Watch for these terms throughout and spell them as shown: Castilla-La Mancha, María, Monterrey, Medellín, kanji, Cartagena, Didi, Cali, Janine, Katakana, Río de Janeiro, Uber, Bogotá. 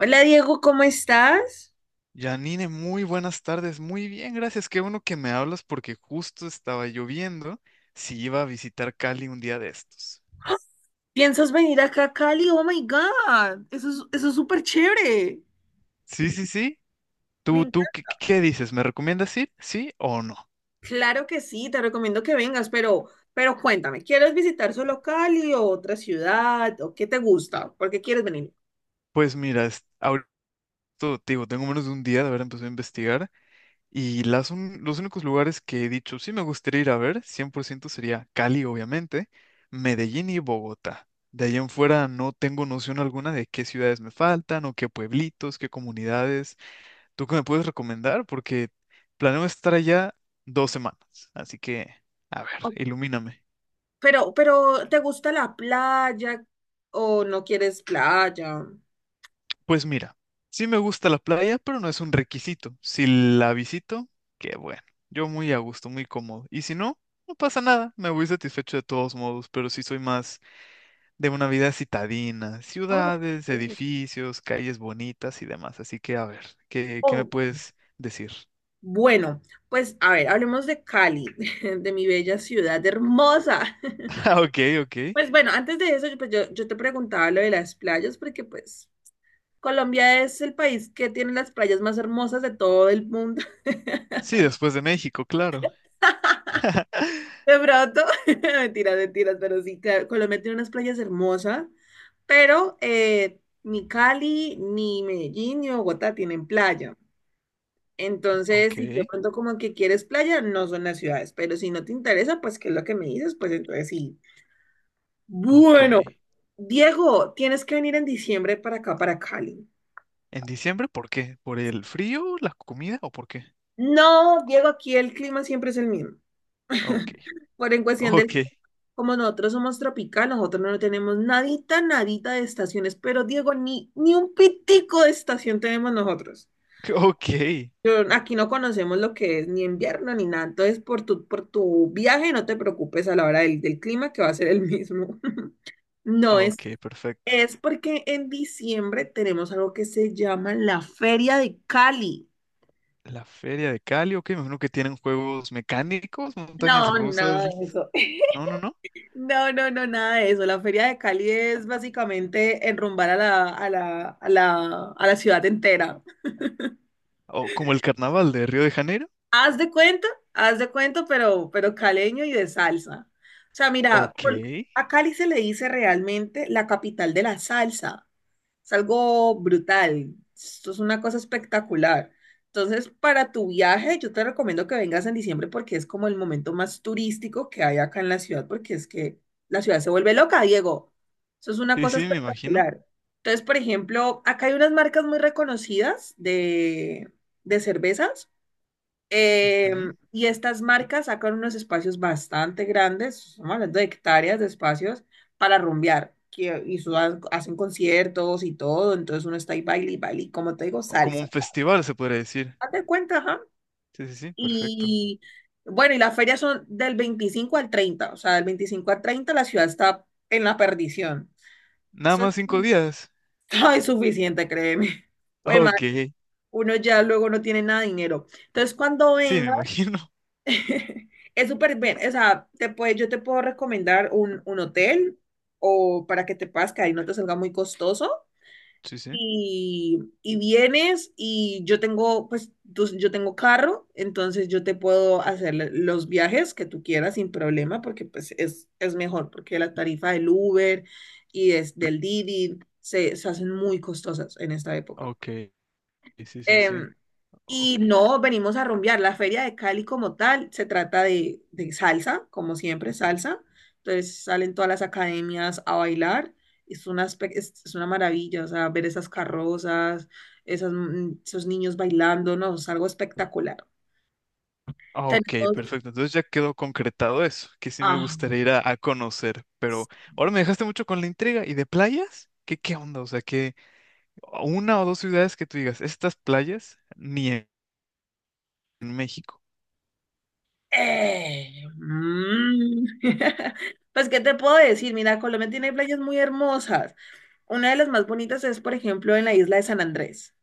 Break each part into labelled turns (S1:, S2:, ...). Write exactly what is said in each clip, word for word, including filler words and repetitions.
S1: Hola Diego, ¿cómo estás?
S2: Janine, muy buenas tardes. Muy bien, gracias. Qué bueno que me hablas porque justo estaba lloviendo si iba a visitar Cali un día de estos.
S1: ¿Piensas venir acá a Cali? Oh my God, eso es, eso es súper chévere.
S2: Sí, sí, sí.
S1: Me
S2: ¿Tú, tú
S1: encanta.
S2: qué, qué- dices? ¿Me recomiendas ir? ¿Sí o no?
S1: Claro que sí, te recomiendo que vengas, pero, pero cuéntame, ¿quieres visitar solo Cali o otra ciudad? ¿O qué te gusta? ¿Por qué quieres venir?
S2: Pues mira, es- ahorita te digo, tengo menos de un día de haber empezado a investigar y las un- los únicos lugares que he dicho sí me gustaría ir a ver, cien por ciento sería Cali, obviamente, Medellín y Bogotá. De allá en fuera no tengo noción alguna de qué ciudades me faltan o qué pueblitos, qué comunidades. ¿Tú qué me puedes recomendar? Porque planeo estar allá dos semanas, así que, a ver,
S1: O-
S2: ilumíname.
S1: pero, pero, ¿te gusta la playa o no quieres playa?
S2: Pues mira, sí me gusta la playa, pero no es un requisito. Si la visito, qué bueno. Yo muy a gusto, muy cómodo. Y si no, no pasa nada, me voy satisfecho de todos modos, pero sí soy más de una vida citadina,
S1: Oh,
S2: ciudades,
S1: ok.
S2: edificios, calles bonitas y demás. Así que, a ver, ¿qué, qué me
S1: Oh,
S2: puedes decir?
S1: bueno, pues a ver, hablemos de Cali, de mi bella ciudad hermosa.
S2: Ah, ok, ok.
S1: Pues bueno, antes de eso, yo- pues yo, yo te preguntaba lo de las playas, porque pues Colombia es el país que tiene las playas más hermosas de todo el mundo.
S2: Sí, después de México, claro.
S1: De pronto, mentiras, mentiras, pero sí, claro, Colombia tiene unas playas hermosas, pero eh, ni Cali, ni Medellín, ni Bogotá tienen playa. Entonces, si tú de
S2: Ok.
S1: pronto como que quieres playa, no son las ciudades, pero si no te interesa, pues qué es lo que me dices, pues entonces sí.
S2: Ok.
S1: Bueno, Diego, tienes que venir en diciembre para acá, para Cali.
S2: ¿En diciembre por qué? ¿Por el frío, la comida o por qué?
S1: No, Diego, aquí el clima siempre es el mismo.
S2: Ok.
S1: Por en cuestión
S2: Ok.
S1: del, como nosotros somos tropical, nosotros no tenemos nadita, nadita de estaciones, pero Diego, ni, ni un pitico de estación tenemos nosotros.
S2: Ok.
S1: Yo- aquí no conocemos lo que es ni invierno ni nada, entonces por tu, por tu viaje no te preocupes a la hora del, del clima que va a ser el mismo. No es.
S2: Ok, perfecto.
S1: Es porque en diciembre tenemos algo que se llama la Feria de Cali.
S2: La feria de Cali, ok, me imagino que tienen juegos mecánicos, montañas
S1: No,
S2: rusas.
S1: nada de eso.
S2: No, no, no.
S1: No, no, no, nada de eso. La Feria de Cali es básicamente enrumbar a la, a la, a la, a la ciudad entera.
S2: O como el carnaval de Río de Janeiro.
S1: Haz de cuenta, haz de cuenta, pero, pero caleño y de salsa. O sea, mira,
S2: Ok.
S1: Col-
S2: Sí,
S1: a Cali se le dice realmente la capital de la salsa. Es algo brutal. Esto es una cosa espectacular. Entonces, para tu viaje, yo te recomiendo que vengas en diciembre porque es como el momento más turístico que hay acá en la ciudad, porque es que la ciudad se vuelve loca, Diego. Eso es una cosa
S2: sí, me imagino.
S1: espectacular. Entonces, por ejemplo, acá hay unas marcas muy reconocidas de, de cervezas. Eh,
S2: Ujú.
S1: y estas marcas sacan unos espacios bastante grandes, estamos hablando de hectáreas de espacios para rumbear, que, y su- hacen conciertos y todo, entonces uno está ahí baile y baile, y como te digo,
S2: O como
S1: salsa.
S2: un festival, se podría decir.
S1: Hazte cuenta, ajá.
S2: Sí, sí, sí, perfecto.
S1: Y bueno, y las ferias son del veinticinco al treinta. O sea, del veinticinco al treinta la ciudad está en la perdición.
S2: Nada
S1: Eso
S2: más cinco días.
S1: está insuficiente, créeme. Bueno,
S2: Ok.
S1: uno ya luego no tiene nada de dinero. Entonces, cuando
S2: Sí, me
S1: venga
S2: imagino.
S1: es súper bien, o sea, te puede, yo te puedo recomendar un, un hotel o para que te puedas quedar y no te salga muy costoso.
S2: Sí, sí.
S1: Y, y vienes y yo tengo, pues tú- yo tengo carro, entonces yo te puedo hacer l- los viajes que tú quieras sin problema porque pues es, es mejor, porque la tarifa del Uber y des- del Didi se, se hacen muy costosas en esta época.
S2: Ok. Sí, sí, sí.
S1: Em, y
S2: Ok.
S1: no venimos a rumbear. La feria de Cali como tal se trata de, de salsa, como siempre, salsa. Entonces salen todas las academias a bailar. Es una, espe- es, es una maravilla, o sea, ver esas carrozas, esas, mm, esos niños bailando, no, es algo espectacular.
S2: Ah, ok,
S1: Tenemos,
S2: perfecto. Entonces ya quedó concretado eso, que sí me
S1: ah,
S2: gustaría ir a, a conocer, pero ahora me dejaste mucho con la intriga. ¿Y de playas? ¿Qué, qué onda? O sea, que una o dos ciudades que tú digas, estas playas ni en, en México.
S1: eh, mm. Pues, ¿qué te puedo decir? Mira, Colombia tiene playas muy hermosas. Una de las más bonitas es, por ejemplo, en la isla de San Andrés.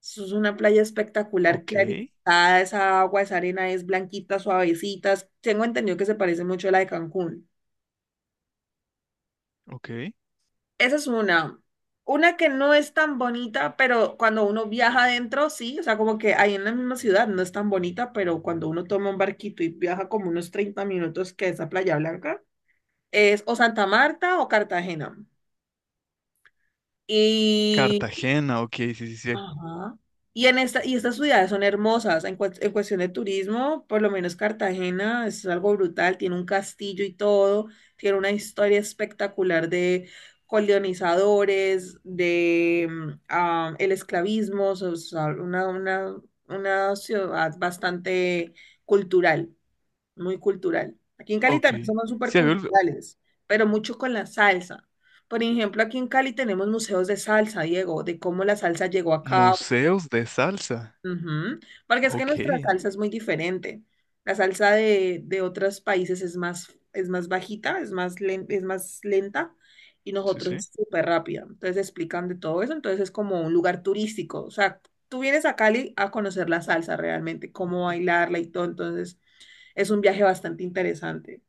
S1: Eso es una playa espectacular,
S2: Ok,
S1: clarificada, esa agua, esa arena es blanquita, suavecita. Tengo entendido que se parece mucho a la de Cancún.
S2: ok.
S1: Esa es una. Una que no es tan bonita, pero cuando uno viaja adentro, sí, o sea, como que ahí en la misma ciudad no es tan bonita, pero cuando uno toma un barquito y viaja como unos treinta minutos, que es a Playa Blanca, es o Santa Marta o Cartagena. Y
S2: Cartagena, ok, sí, sí, sí.
S1: ajá. Y, en esta, y estas ciudades son hermosas. En, cues- en cuestión de turismo, por lo menos Cartagena es algo brutal. Tiene un castillo y todo. Tiene una historia espectacular de colonizadores, de mm, ah, el esclavismo. O sea, una, una, una ciudad bastante cultural, muy cultural. Aquí en Cali
S2: Ok.
S1: también somos súper
S2: Sí, había olvi-
S1: culturales, pero mucho con la salsa. Por ejemplo, aquí en Cali tenemos museos de salsa, Diego, de cómo la salsa llegó acá.
S2: museos de salsa.
S1: Ujú. Porque es que
S2: Ok,
S1: nuestra salsa es muy diferente. La salsa de, de otros países es más, es más bajita, es más len- es más lenta y
S2: sí,
S1: nosotros
S2: sí.
S1: es súper rápida. Entonces explican de todo eso. Entonces es como un lugar turístico. O sea, tú vienes a Cali a conocer la salsa realmente, cómo bailarla y todo. Entonces es un viaje bastante interesante.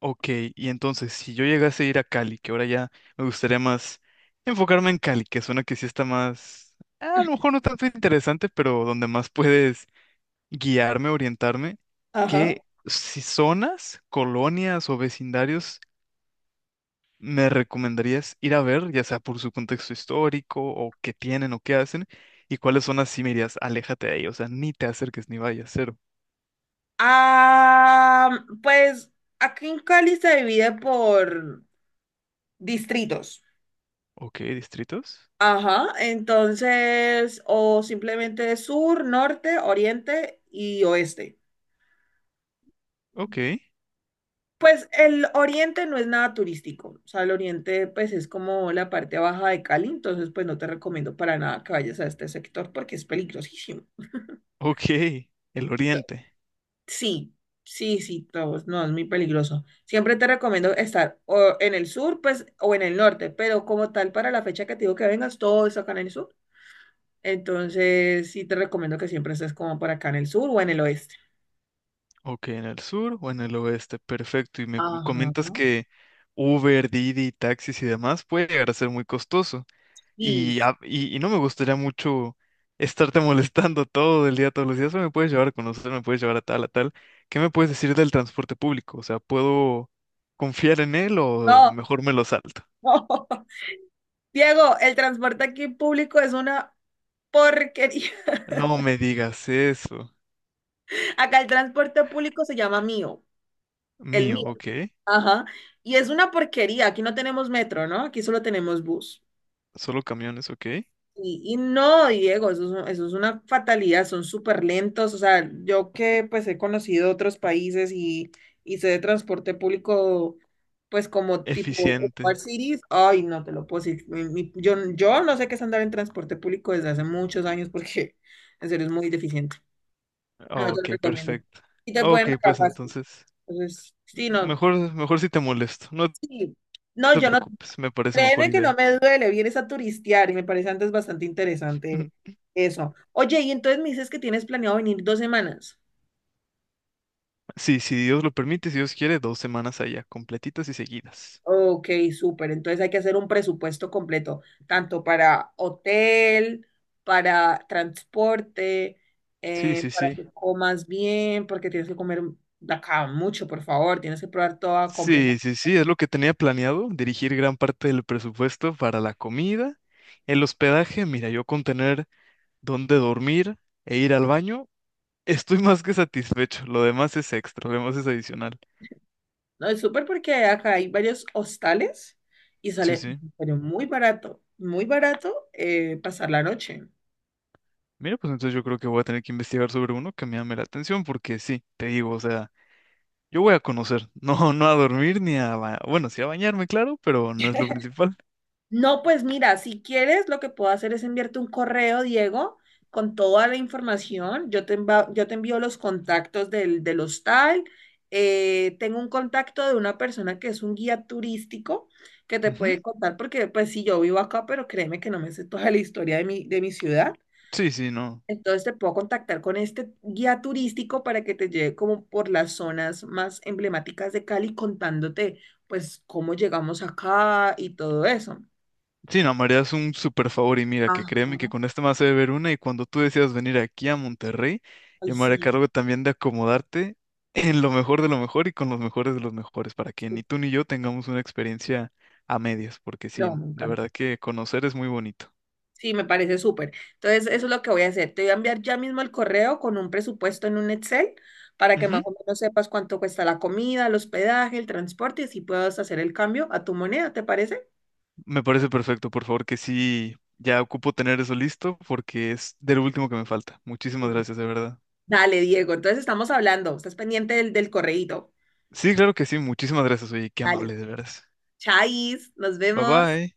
S2: Ok, y entonces, si yo llegase a ir a Cali, que ahora ya me gustaría más enfocarme en Cali, que suena que sí está más, a lo mejor no tanto interesante, pero donde más puedes guiarme, orientarme,
S1: Ajá.
S2: ¿qué si zonas, colonias o vecindarios me recomendarías ir a ver, ya sea por su contexto histórico o qué tienen o qué hacen? ¿Y cuáles zonas sí me dirías, aléjate de ahí, o sea, ni te acerques ni vayas, cero?
S1: Ah, pues aquí en Cali se divide por distritos.
S2: Ok, distritos.
S1: Ajá, entonces, o simplemente sur, norte, oriente y oeste.
S2: Ok,
S1: Pues el oriente no es nada turístico, o sea, el oriente pues es como la parte baja de Cali, entonces pues no te recomiendo para nada que vayas a este sector porque es peligrosísimo.
S2: ok, el oriente.
S1: Sí, sí, sí, todos, no, es muy peligroso. Siempre te recomiendo estar o en el sur, pues, o en el norte, pero como tal, para la fecha que te digo que vengas, todo es acá en el sur. Entonces, sí te recomiendo que siempre estés como por acá en el sur o en el oeste.
S2: Ok, en el sur o en el oeste, perfecto. Y me com- comentas
S1: Ajá.
S2: que Uber, Didi, taxis y demás puede llegar a ser muy costoso.
S1: Sí.
S2: Y, a- y, y no me gustaría mucho estarte molestando todo el día, todos los días. "Oye, me puedes llevar a conocer, me puedes llevar a tal, a tal. ¿Qué me puedes decir del transporte público? O sea, ¿puedo confiar en él o
S1: No,
S2: mejor me lo salto?
S1: no. Diego, el transporte aquí público es una porquería.
S2: No me digas eso.
S1: Acá el transporte público se llama mío, el
S2: Mío,
S1: mío.
S2: ok.
S1: Ajá. Y es una porquería. Aquí no tenemos metro, ¿no? Aquí solo tenemos bus.
S2: Solo camiones, ok.
S1: Y, y no, Diego, eso es, eso es una fatalidad, son súper lentos. O sea, yo que pues he conocido otros países y, y sé de transporte público, pues como tipo Smart
S2: Eficiente.
S1: Cities, ay, no te lo puedo decir. mi- mi- yo, yo no sé qué es andar en transporte público desde hace muchos años porque en serio es muy deficiente. No te lo
S2: Ok,
S1: recomiendo.
S2: perfecto.
S1: Y te
S2: Ok,
S1: pueden regalar
S2: pues
S1: fácil.
S2: entonces.
S1: Entonces, sí, no,
S2: Mejor, mejor si te molesto. No
S1: sí. No,
S2: te
S1: yo no.
S2: preocupes, me parece mejor
S1: Créeme que no
S2: idea.
S1: me duele, vienes a turistear y me parece antes bastante interesante eso. Oye, y entonces me dices que tienes planeado venir dos semanas.
S2: Sí, si Dios lo permite, si Dios quiere, dos semanas allá, completitas y seguidas.
S1: Ok, súper. Entonces hay que hacer un presupuesto completo, tanto para hotel, para transporte,
S2: Sí,
S1: eh,
S2: sí,
S1: para
S2: sí.
S1: que comas bien, porque tienes que comer de acá mucho, por favor, tienes que probar toda completa.
S2: Sí, sí, sí, es lo que tenía planeado, dirigir gran parte del presupuesto para la comida, el hospedaje, mira, yo con tener dónde dormir e ir al baño, estoy más que satisfecho, lo demás es extra, lo demás es adicional.
S1: No, es súper porque acá hay varios hostales y
S2: Sí,
S1: sale
S2: sí.
S1: pero muy barato, muy barato, eh, pasar la noche.
S2: Mira, pues entonces yo creo que voy a tener que investigar sobre uno que me llame la atención, porque sí, te digo, o sea... Yo voy a conocer, no, no a dormir ni a ba- bueno, sí a bañarme, claro, pero no es lo principal.
S1: No, pues mira, si quieres, lo que puedo hacer es enviarte un correo, Diego, con toda la información. Yo te, enva- yo te envío los contactos del, del hostal. Eh, tengo un contacto de una persona que es un guía turístico que te
S2: Ujú.
S1: puede contar, porque pues sí, yo vivo acá, pero créeme que no me sé toda la historia de mi, de mi ciudad.
S2: Sí, sí, no.
S1: Entonces te puedo contactar con este guía turístico para que te lleve como por las zonas más emblemáticas de Cali contándote pues cómo llegamos acá y todo eso.
S2: Sí, no, María es un súper favor y mira, que créeme que
S1: Ajá.
S2: con este me hace ver una y cuando tú decidas venir aquí a Monterrey,
S1: Ay,
S2: yo me haré
S1: sí,
S2: cargo también de acomodarte en lo mejor de lo mejor y con los mejores de los mejores para que
S1: sí.
S2: ni tú ni yo tengamos una experiencia a medias, porque
S1: No,
S2: sí,
S1: me
S2: de
S1: encanta.
S2: verdad que conocer es muy bonito.
S1: Sí, me parece súper. Entonces, eso es lo que voy a hacer. Te voy a enviar ya mismo el correo con un presupuesto en un Excel para que más
S2: Ujú.
S1: o menos sepas cuánto cuesta la comida, el hospedaje, el transporte y así puedas hacer el cambio a tu moneda, ¿te parece?
S2: Me parece perfecto, por favor, que sí, ya ocupo tener eso listo porque es del último que me falta. Muchísimas
S1: Sí.
S2: gracias, de verdad.
S1: Dale, Diego. Entonces, estamos hablando. Estás pendiente del, del correíto.
S2: Sí, claro que sí, muchísimas gracias, oye, qué
S1: Dale.
S2: amable, de veras.
S1: Chais, nos
S2: Bye
S1: vemos.
S2: bye.